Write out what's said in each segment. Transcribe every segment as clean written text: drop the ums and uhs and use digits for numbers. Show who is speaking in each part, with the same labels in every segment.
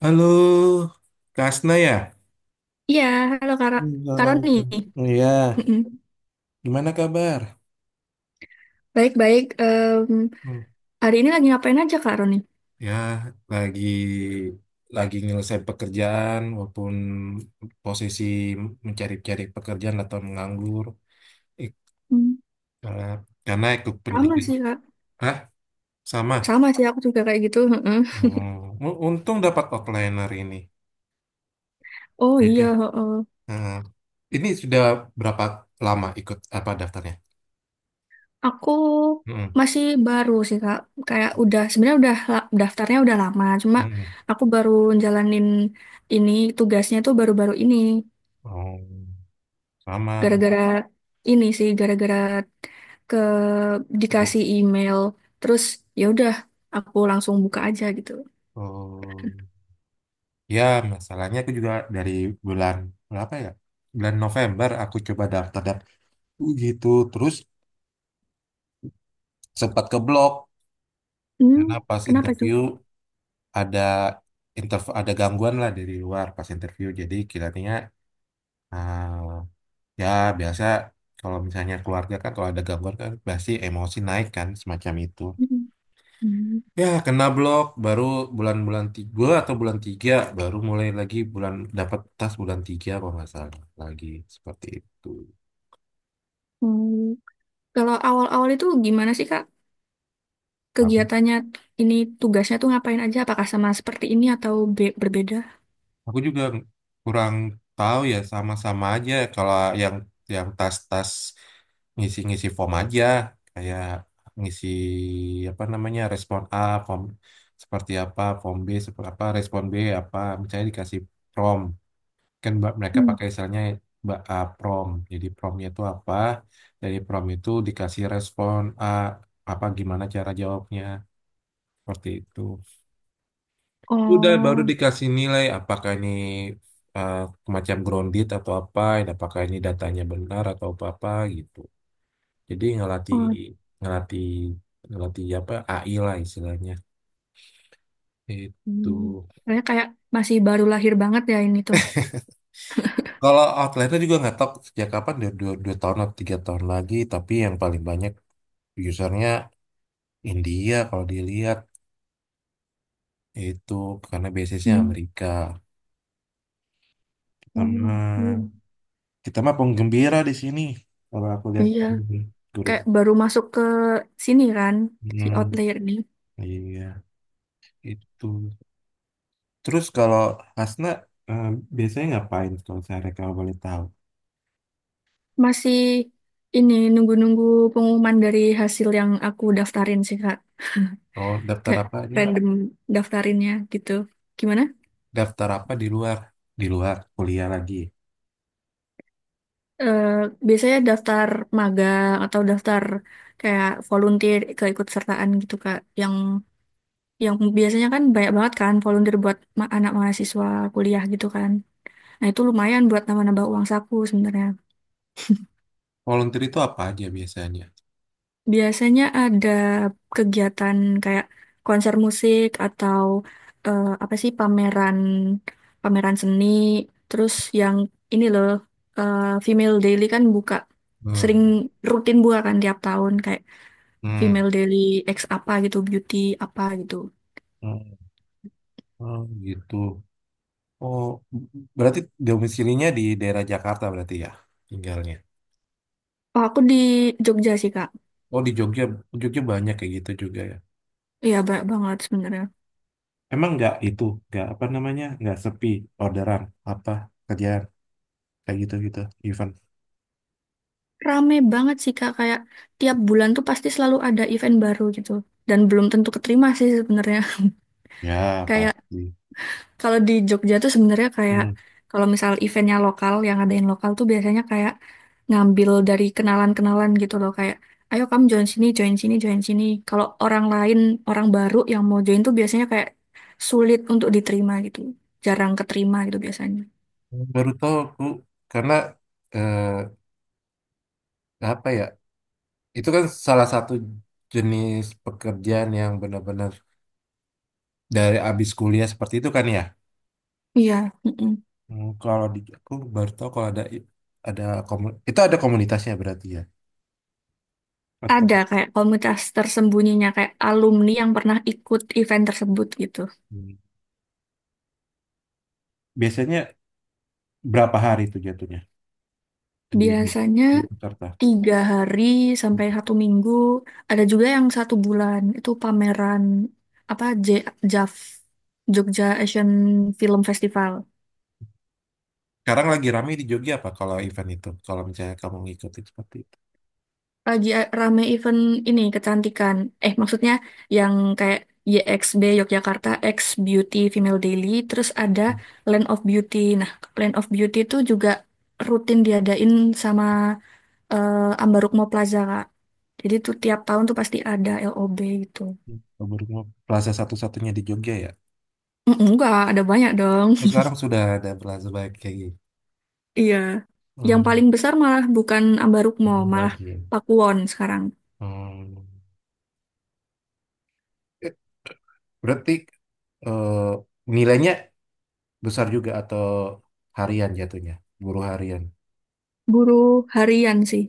Speaker 1: Halo, Kasna ya?
Speaker 2: Iya, halo Kak Roni.
Speaker 1: Iya,
Speaker 2: Mm-mm.
Speaker 1: gimana kabar?
Speaker 2: Baik-baik.
Speaker 1: Hmm.
Speaker 2: Hari ini lagi ngapain aja Kak Roni?
Speaker 1: Ya, lagi lagi nyelesain pekerjaan walaupun posisi mencari-cari pekerjaan atau menganggur. Ik-
Speaker 2: Hmm.
Speaker 1: Karena karena ikut
Speaker 2: Sama
Speaker 1: pendidikan.
Speaker 2: sih Kak.
Speaker 1: Hah? Sama.
Speaker 2: Sama sih aku juga kayak gitu, heeh.
Speaker 1: Hmm. Untung dapat outliner ini.
Speaker 2: Oh
Speaker 1: Gitu.
Speaker 2: iya, heeh.
Speaker 1: Hmm. Ini sudah berapa lama ikut apa daftarnya?
Speaker 2: Aku
Speaker 1: Hmm.
Speaker 2: masih baru sih Kak. Kayak udah sebenarnya daftarnya udah lama. Cuma
Speaker 1: Hmm.
Speaker 2: aku baru jalanin ini, tugasnya tuh baru-baru ini.
Speaker 1: Oh, sama.
Speaker 2: Gara-gara ini sih, gara-gara ke
Speaker 1: Bu-
Speaker 2: dikasih email. Terus ya udah, aku langsung buka aja gitu.
Speaker 1: Oh. Ya, masalahnya aku juga dari bulan berapa ya? Bulan November aku coba daftar daftar gitu, terus sempat keblok
Speaker 2: Hmm,
Speaker 1: karena pas
Speaker 2: kenapa itu?
Speaker 1: ada interview ada gangguan lah dari luar pas interview. Jadi kiranya eh, ya biasa kalau misalnya keluarga kan kalau ada gangguan kan pasti emosi naik kan semacam itu.
Speaker 2: Hmm. Hmm.
Speaker 1: Ya kena blok baru bulan-bulan tiga atau bulan tiga baru mulai lagi bulan dapat tas bulan tiga kalau nggak salah lagi seperti itu.
Speaker 2: Hmm. Kalau awal-awal itu gimana sih Kak? Kegiatannya ini, tugasnya tuh ngapain aja? Apakah sama seperti ini atau berbeda?
Speaker 1: Aku juga kurang tahu ya sama-sama aja kalau yang yang tas-tas ngisi-ngisi form aja kayak ngisi apa namanya respon A form seperti apa form B seperti apa respon B apa misalnya dikasih prompt kan mereka
Speaker 2: Hmm.
Speaker 1: pakai istilahnya A prom jadi promnya itu apa dari prom itu dikasih respon A apa gimana cara jawabnya seperti itu. Udah baru
Speaker 2: Oh,
Speaker 1: dikasih nilai apakah ini eh, macam grounded atau apa, dan apakah ini datanya benar atau apa-apa gitu. Jadi ngelatih
Speaker 2: oh.
Speaker 1: ngelatih ngelatih apa AI lah istilahnya. Itu.
Speaker 2: Hmm. Soalnya kayak masih baru lahir banget ya ini tuh.
Speaker 1: Kalau Outlander juga nggak tahu sejak kapan dua, dua, dua tahun atau tiga tahun lagi, tapi yang paling banyak usernya India kalau dilihat itu karena basisnya
Speaker 2: Hmm.
Speaker 1: Amerika. Kita
Speaker 2: Oh,
Speaker 1: mah
Speaker 2: gitu.
Speaker 1: kita mah penggembira di sini. Kalau aku lihat
Speaker 2: Iya,
Speaker 1: grup.
Speaker 2: kayak baru masuk ke sini kan, si
Speaker 1: Hmm,
Speaker 2: outlier ini.
Speaker 1: iya itu. Terus kalau Hasna eh, biasanya ngapain kalau saya kalau boleh tahu?
Speaker 2: Masih ini, nunggu-nunggu pengumuman dari hasil yang aku daftarin sih Kak.
Speaker 1: Oh, daftar
Speaker 2: Kayak
Speaker 1: apa aja?
Speaker 2: random daftarinnya gitu. Gimana
Speaker 1: Daftar apa di luar? Di luar kuliah lagi.
Speaker 2: eh, biasanya daftar magang atau daftar kayak volunteer keikutsertaan gitu Kak. Yang biasanya kan banyak banget kan volunteer buat anak mahasiswa kuliah gitu kan. Nah, itu lumayan buat nambah-nambah uang saku sebenarnya.
Speaker 1: Volunteer itu apa aja biasanya?
Speaker 2: Biasanya ada kegiatan kayak konser musik atau apa sih, pameran pameran seni, terus yang ini loh, eh, Female Daily kan buka,
Speaker 1: Hmm,
Speaker 2: sering rutin buka kan tiap tahun, kayak
Speaker 1: hmm,
Speaker 2: Female Daily X apa gitu, beauty apa gitu.
Speaker 1: hmm, oh, gitu. Oh, berarti domisilinya di daerah Jakarta berarti ya tinggalnya.
Speaker 2: Oh, aku di Jogja sih, Kak.
Speaker 1: Oh, di Jogja, Jogja banyak kayak gitu juga ya.
Speaker 2: Iya, banyak banget sebenarnya.
Speaker 1: Emang nggak itu, nggak apa namanya, nggak sepi orderan apa kerjaan kayak gitu gitu, event.
Speaker 2: Rame banget sih, Kak. Kayak tiap bulan tuh pasti selalu ada event baru gitu. Dan belum tentu keterima sih sebenarnya.
Speaker 1: Ya,
Speaker 2: Kayak
Speaker 1: pasti.
Speaker 2: kalau di Jogja tuh sebenarnya kayak,
Speaker 1: Hmm.
Speaker 2: kalau misal eventnya lokal, yang ngadain lokal tuh biasanya kayak ngambil dari kenalan-kenalan gitu loh, kayak ayo kamu join sini, join sini, join sini. Kalau orang lain, orang baru yang mau join tuh biasanya kayak sulit untuk diterima gitu. Jarang keterima gitu biasanya.
Speaker 1: Baru tahu aku karena eh, apa ya? Itu kan salah satu jenis pekerjaan yang benar-benar dari abis kuliah seperti itu kan ya.
Speaker 2: Iya, mm-mm.
Speaker 1: Hmm, kalau di aku baru tahu kalau ada itu ada komunitasnya berarti ya. Atau
Speaker 2: Ada kayak komunitas tersembunyinya kayak alumni yang pernah ikut event tersebut gitu.
Speaker 1: hmm, biasanya berapa hari itu jatuhnya di
Speaker 2: Biasanya
Speaker 1: di Jakarta?
Speaker 2: tiga hari sampai satu minggu. Ada juga yang satu bulan. Itu pameran apa, JAF, Jogja Asian Film Festival.
Speaker 1: Sekarang lagi ramai di Jogja apa kalau event itu? Kalau misalnya kamu ngikutin seperti itu.
Speaker 2: Lagi rame event ini kecantikan. Eh, maksudnya yang kayak YXB, Yogyakarta X Beauty Female Daily. Terus ada
Speaker 1: Hmm.
Speaker 2: Land of Beauty. Nah, Land of Beauty itu juga rutin diadain sama Ambarukmo Plaza Kak. Jadi tuh tiap tahun tuh pasti ada LOB gitu.
Speaker 1: Baru Plaza satu-satunya di Jogja ya?
Speaker 2: Mm, enggak, ada banyak dong.
Speaker 1: Terus sekarang sudah ada Plaza Bank kayak gini.
Speaker 2: Iya, yang
Speaker 1: Hmm,
Speaker 2: paling besar malah bukan Ambarukmo,
Speaker 1: belum
Speaker 2: malah
Speaker 1: lagi.
Speaker 2: Pakuwon sekarang.
Speaker 1: Hmm. Eh, Berarti eh, nilainya besar juga atau harian jatuhnya? Buruh harian.
Speaker 2: Buruh harian sih,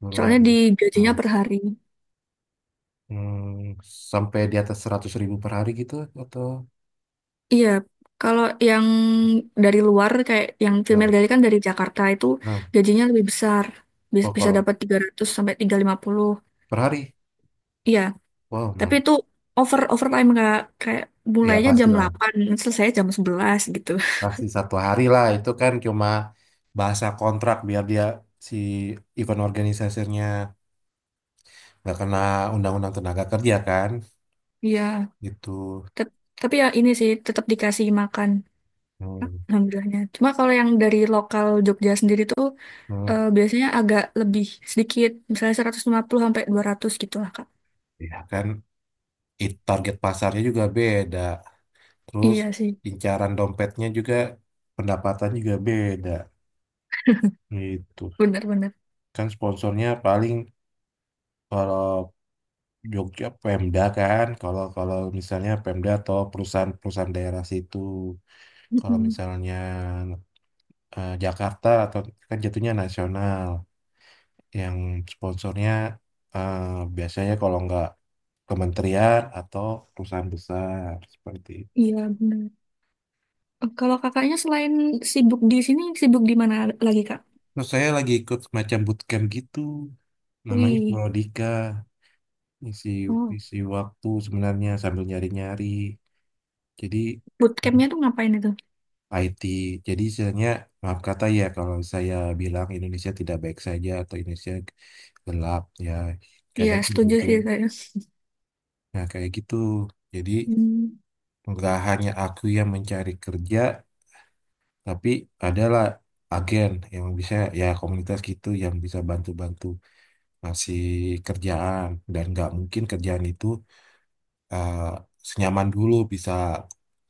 Speaker 1: Buruh
Speaker 2: soalnya
Speaker 1: harian.
Speaker 2: digajinya
Speaker 1: Ah,
Speaker 2: per hari.
Speaker 1: hmm, sampai di atas 100.000 per hari gitu atau?
Speaker 2: Iya, kalau yang dari luar kayak yang
Speaker 1: Nah,
Speaker 2: female, dari kan dari Jakarta itu
Speaker 1: nah.
Speaker 2: gajinya lebih besar.
Speaker 1: Oh,
Speaker 2: Bisa
Speaker 1: kalau
Speaker 2: dapat 300 sampai 350.
Speaker 1: per hari?
Speaker 2: Iya,
Speaker 1: Wow,
Speaker 2: tapi
Speaker 1: man.
Speaker 2: itu over, overtime nggak, kayak
Speaker 1: Ya
Speaker 2: mulainya jam
Speaker 1: pastilah.
Speaker 2: 8, selesai jam 11 gitu.
Speaker 1: Pasti satu hari lah. Itu kan cuma bahasa kontrak biar dia si event organisasinya nggak kena undang-undang tenaga kerja kan.
Speaker 2: Iya,
Speaker 1: Gitu.
Speaker 2: tep- tapi ya ini sih tetap dikasih makan.
Speaker 1: Hmm.
Speaker 2: Alhamdulillahnya. Cuma kalau yang dari lokal Jogja sendiri tuh,
Speaker 1: Hmm.
Speaker 2: biasanya agak lebih sedikit, misalnya 150 sampai 200 gitu lah, Kak.
Speaker 1: Ya kan it, target pasarnya juga beda. Terus
Speaker 2: Iya sih,
Speaker 1: incaran dompetnya juga pendapatan juga beda gitu.
Speaker 2: benar-benar.
Speaker 1: Kan sponsornya paling kalau Jogja Pemda kan kalau kalau misalnya Pemda atau perusahaan-perusahaan daerah situ. Kalau
Speaker 2: Mm-mm.
Speaker 1: misalnya Jakarta atau kan jatuhnya nasional. Yang sponsornya eh, biasanya kalau nggak kementerian atau perusahaan besar seperti itu.
Speaker 2: Iya, benar. Eh, kalau kakaknya selain sibuk di sini, sibuk di mana lagi, Kak?
Speaker 1: Terus saya lagi ikut semacam bootcamp gitu, namanya
Speaker 2: Wih,
Speaker 1: Prodika, isi
Speaker 2: oh,
Speaker 1: isi waktu sebenarnya sambil nyari-nyari. Jadi em,
Speaker 2: bootcampnya tuh ngapain itu?
Speaker 1: IT, jadi istilahnya maaf kata ya kalau saya bilang Indonesia tidak baik saja atau Indonesia gelap ya
Speaker 2: Iya,
Speaker 1: kadang
Speaker 2: setuju
Speaker 1: begitu.
Speaker 2: sih saya.
Speaker 1: Nah kayak gitu. Jadi
Speaker 2: Hmm,
Speaker 1: nggak hanya aku yang mencari kerja, tapi adalah agen yang bisa ya komunitas gitu yang bisa bantu-bantu ngasih kerjaan dan nggak mungkin kerjaan itu eh, senyaman dulu bisa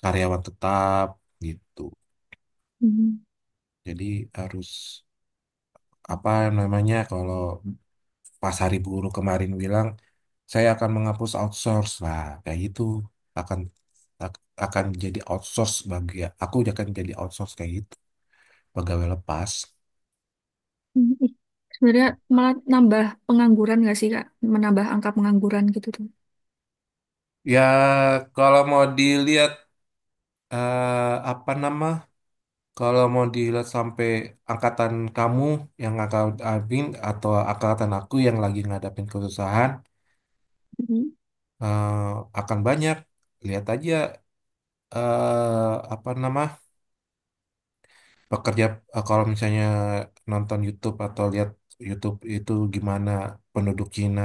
Speaker 1: karyawan tetap gitu
Speaker 2: hmm,
Speaker 1: jadi harus apa namanya kalau pas hari buruh kemarin bilang saya akan menghapus outsource lah kayak gitu akan akan jadi outsource bagi aku akan jadi outsource kayak gitu pegawai lepas.
Speaker 2: hmm. Ih, sebenarnya malah nambah pengangguran nggak sih, Kak? Menambah angka pengangguran gitu tuh.
Speaker 1: Ya, kalau mau dilihat eh apa nama kalau mau dilihat sampai angkatan kamu yang angkatan Abin atau angkatan aku yang lagi ngadapin kesusahan
Speaker 2: Hmm,
Speaker 1: eh, akan banyak lihat aja eh apa nama pekerja kalau misalnya nonton YouTube atau lihat YouTube itu gimana penduduk Cina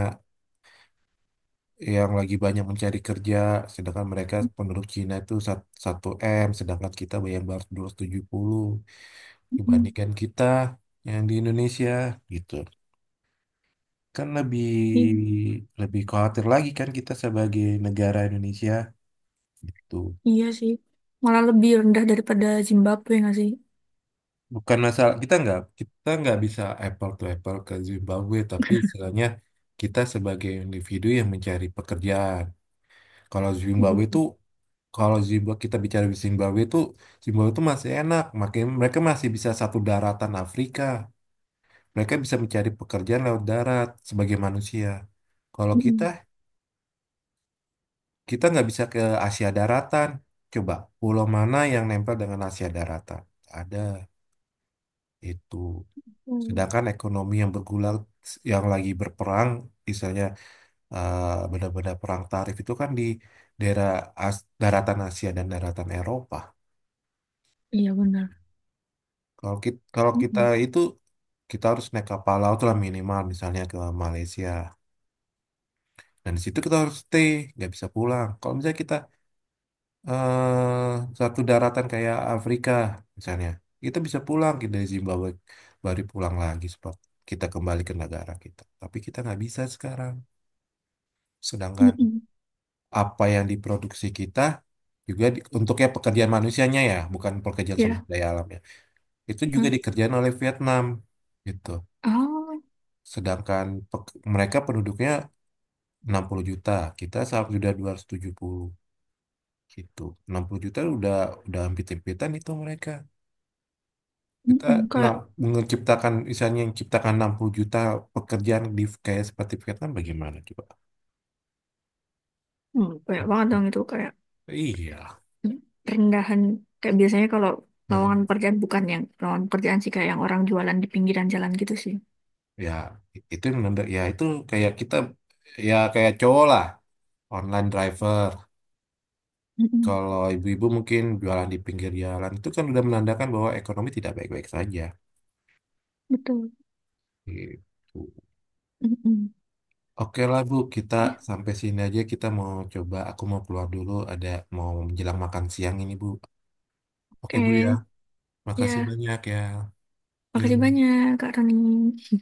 Speaker 1: yang lagi banyak mencari kerja sedangkan mereka penduduk Cina itu 1M sedangkan kita yang baru 270 dibandingkan kita yang di Indonesia gitu. Kan lebih
Speaker 2: hmm.
Speaker 1: lebih khawatir lagi kan kita sebagai negara Indonesia gitu.
Speaker 2: Iya sih. Malah lebih rendah daripada Zimbabwe nggak sih?
Speaker 1: Bukan masalah kita nggak bisa apple to apple ke Zimbabwe, tapi istilahnya kita sebagai individu yang mencari pekerjaan. Kalau Zimbabwe itu
Speaker 2: Mhm.
Speaker 1: kalau Zimbabwe kita bicara di Zimbabwe itu masih enak, makanya mereka masih bisa satu daratan Afrika. Mereka bisa mencari pekerjaan lewat darat sebagai manusia. Kalau kita.
Speaker 2: Mm-mm.
Speaker 1: Kita nggak bisa ke Asia daratan. Coba, pulau mana yang nempel dengan Asia daratan? Nggak ada itu.
Speaker 2: Hmm.
Speaker 1: Sedangkan ekonomi yang bergulat, yang lagi berperang, misalnya benda-benda perang tarif itu kan di daerah daratan Asia dan daratan Eropa.
Speaker 2: Iya benar.
Speaker 1: Kalau kita
Speaker 2: Mm-mm.
Speaker 1: itu, kita harus naik kapal laut lah minimal, misalnya ke Malaysia. Dan di situ kita harus stay, nggak bisa pulang. Kalau misalnya kita eh satu daratan kayak Afrika misalnya kita bisa pulang kita dari Zimbabwe baru pulang lagi sebab kita kembali ke negara kita tapi kita nggak bisa sekarang sedangkan
Speaker 2: Mm-mm.
Speaker 1: apa yang diproduksi kita juga untuknya pekerjaan manusianya ya bukan pekerjaan sumber
Speaker 2: Iya.
Speaker 1: daya alamnya itu juga
Speaker 2: Mm.
Speaker 1: dikerjain oleh Vietnam gitu
Speaker 2: Oh,
Speaker 1: sedangkan mereka penduduknya 60 juta kita sudah 270 gitu 60 juta udah ampit-ampitan itu mereka. Kita
Speaker 2: mm-mm. Kayak
Speaker 1: nah, menciptakan, misalnya yang ciptakan 60 juta pekerjaan di kayak seperti Vietnam bagaimana coba?
Speaker 2: hmm, banyak banget dong itu kayak
Speaker 1: Iya.
Speaker 2: mm, rendahan. Kayak biasanya kalau
Speaker 1: Hmm.
Speaker 2: lowongan pekerjaan, bukan yang lowongan pekerjaan sih, kayak yang orang jualan di pinggiran jalan gitu sih.
Speaker 1: Ya, itu yang menanda, ya itu kayak kita, ya kayak cowok lah, online driver.
Speaker 2: Mm-mm.
Speaker 1: Kalau ibu-ibu mungkin jualan di pinggir jalan, itu kan udah menandakan bahwa ekonomi tidak baik-baik saja.
Speaker 2: Betul.
Speaker 1: Gitu.
Speaker 2: Mm-mm.
Speaker 1: Oke lah Bu, kita sampai sini aja, kita mau coba, aku mau keluar dulu, ada mau menjelang makan siang ini Bu. Oke
Speaker 2: Oke,
Speaker 1: Bu ya, makasih
Speaker 2: ya
Speaker 1: banyak ya.
Speaker 2: makasih
Speaker 1: Yuk.
Speaker 2: banyak Kak Rani.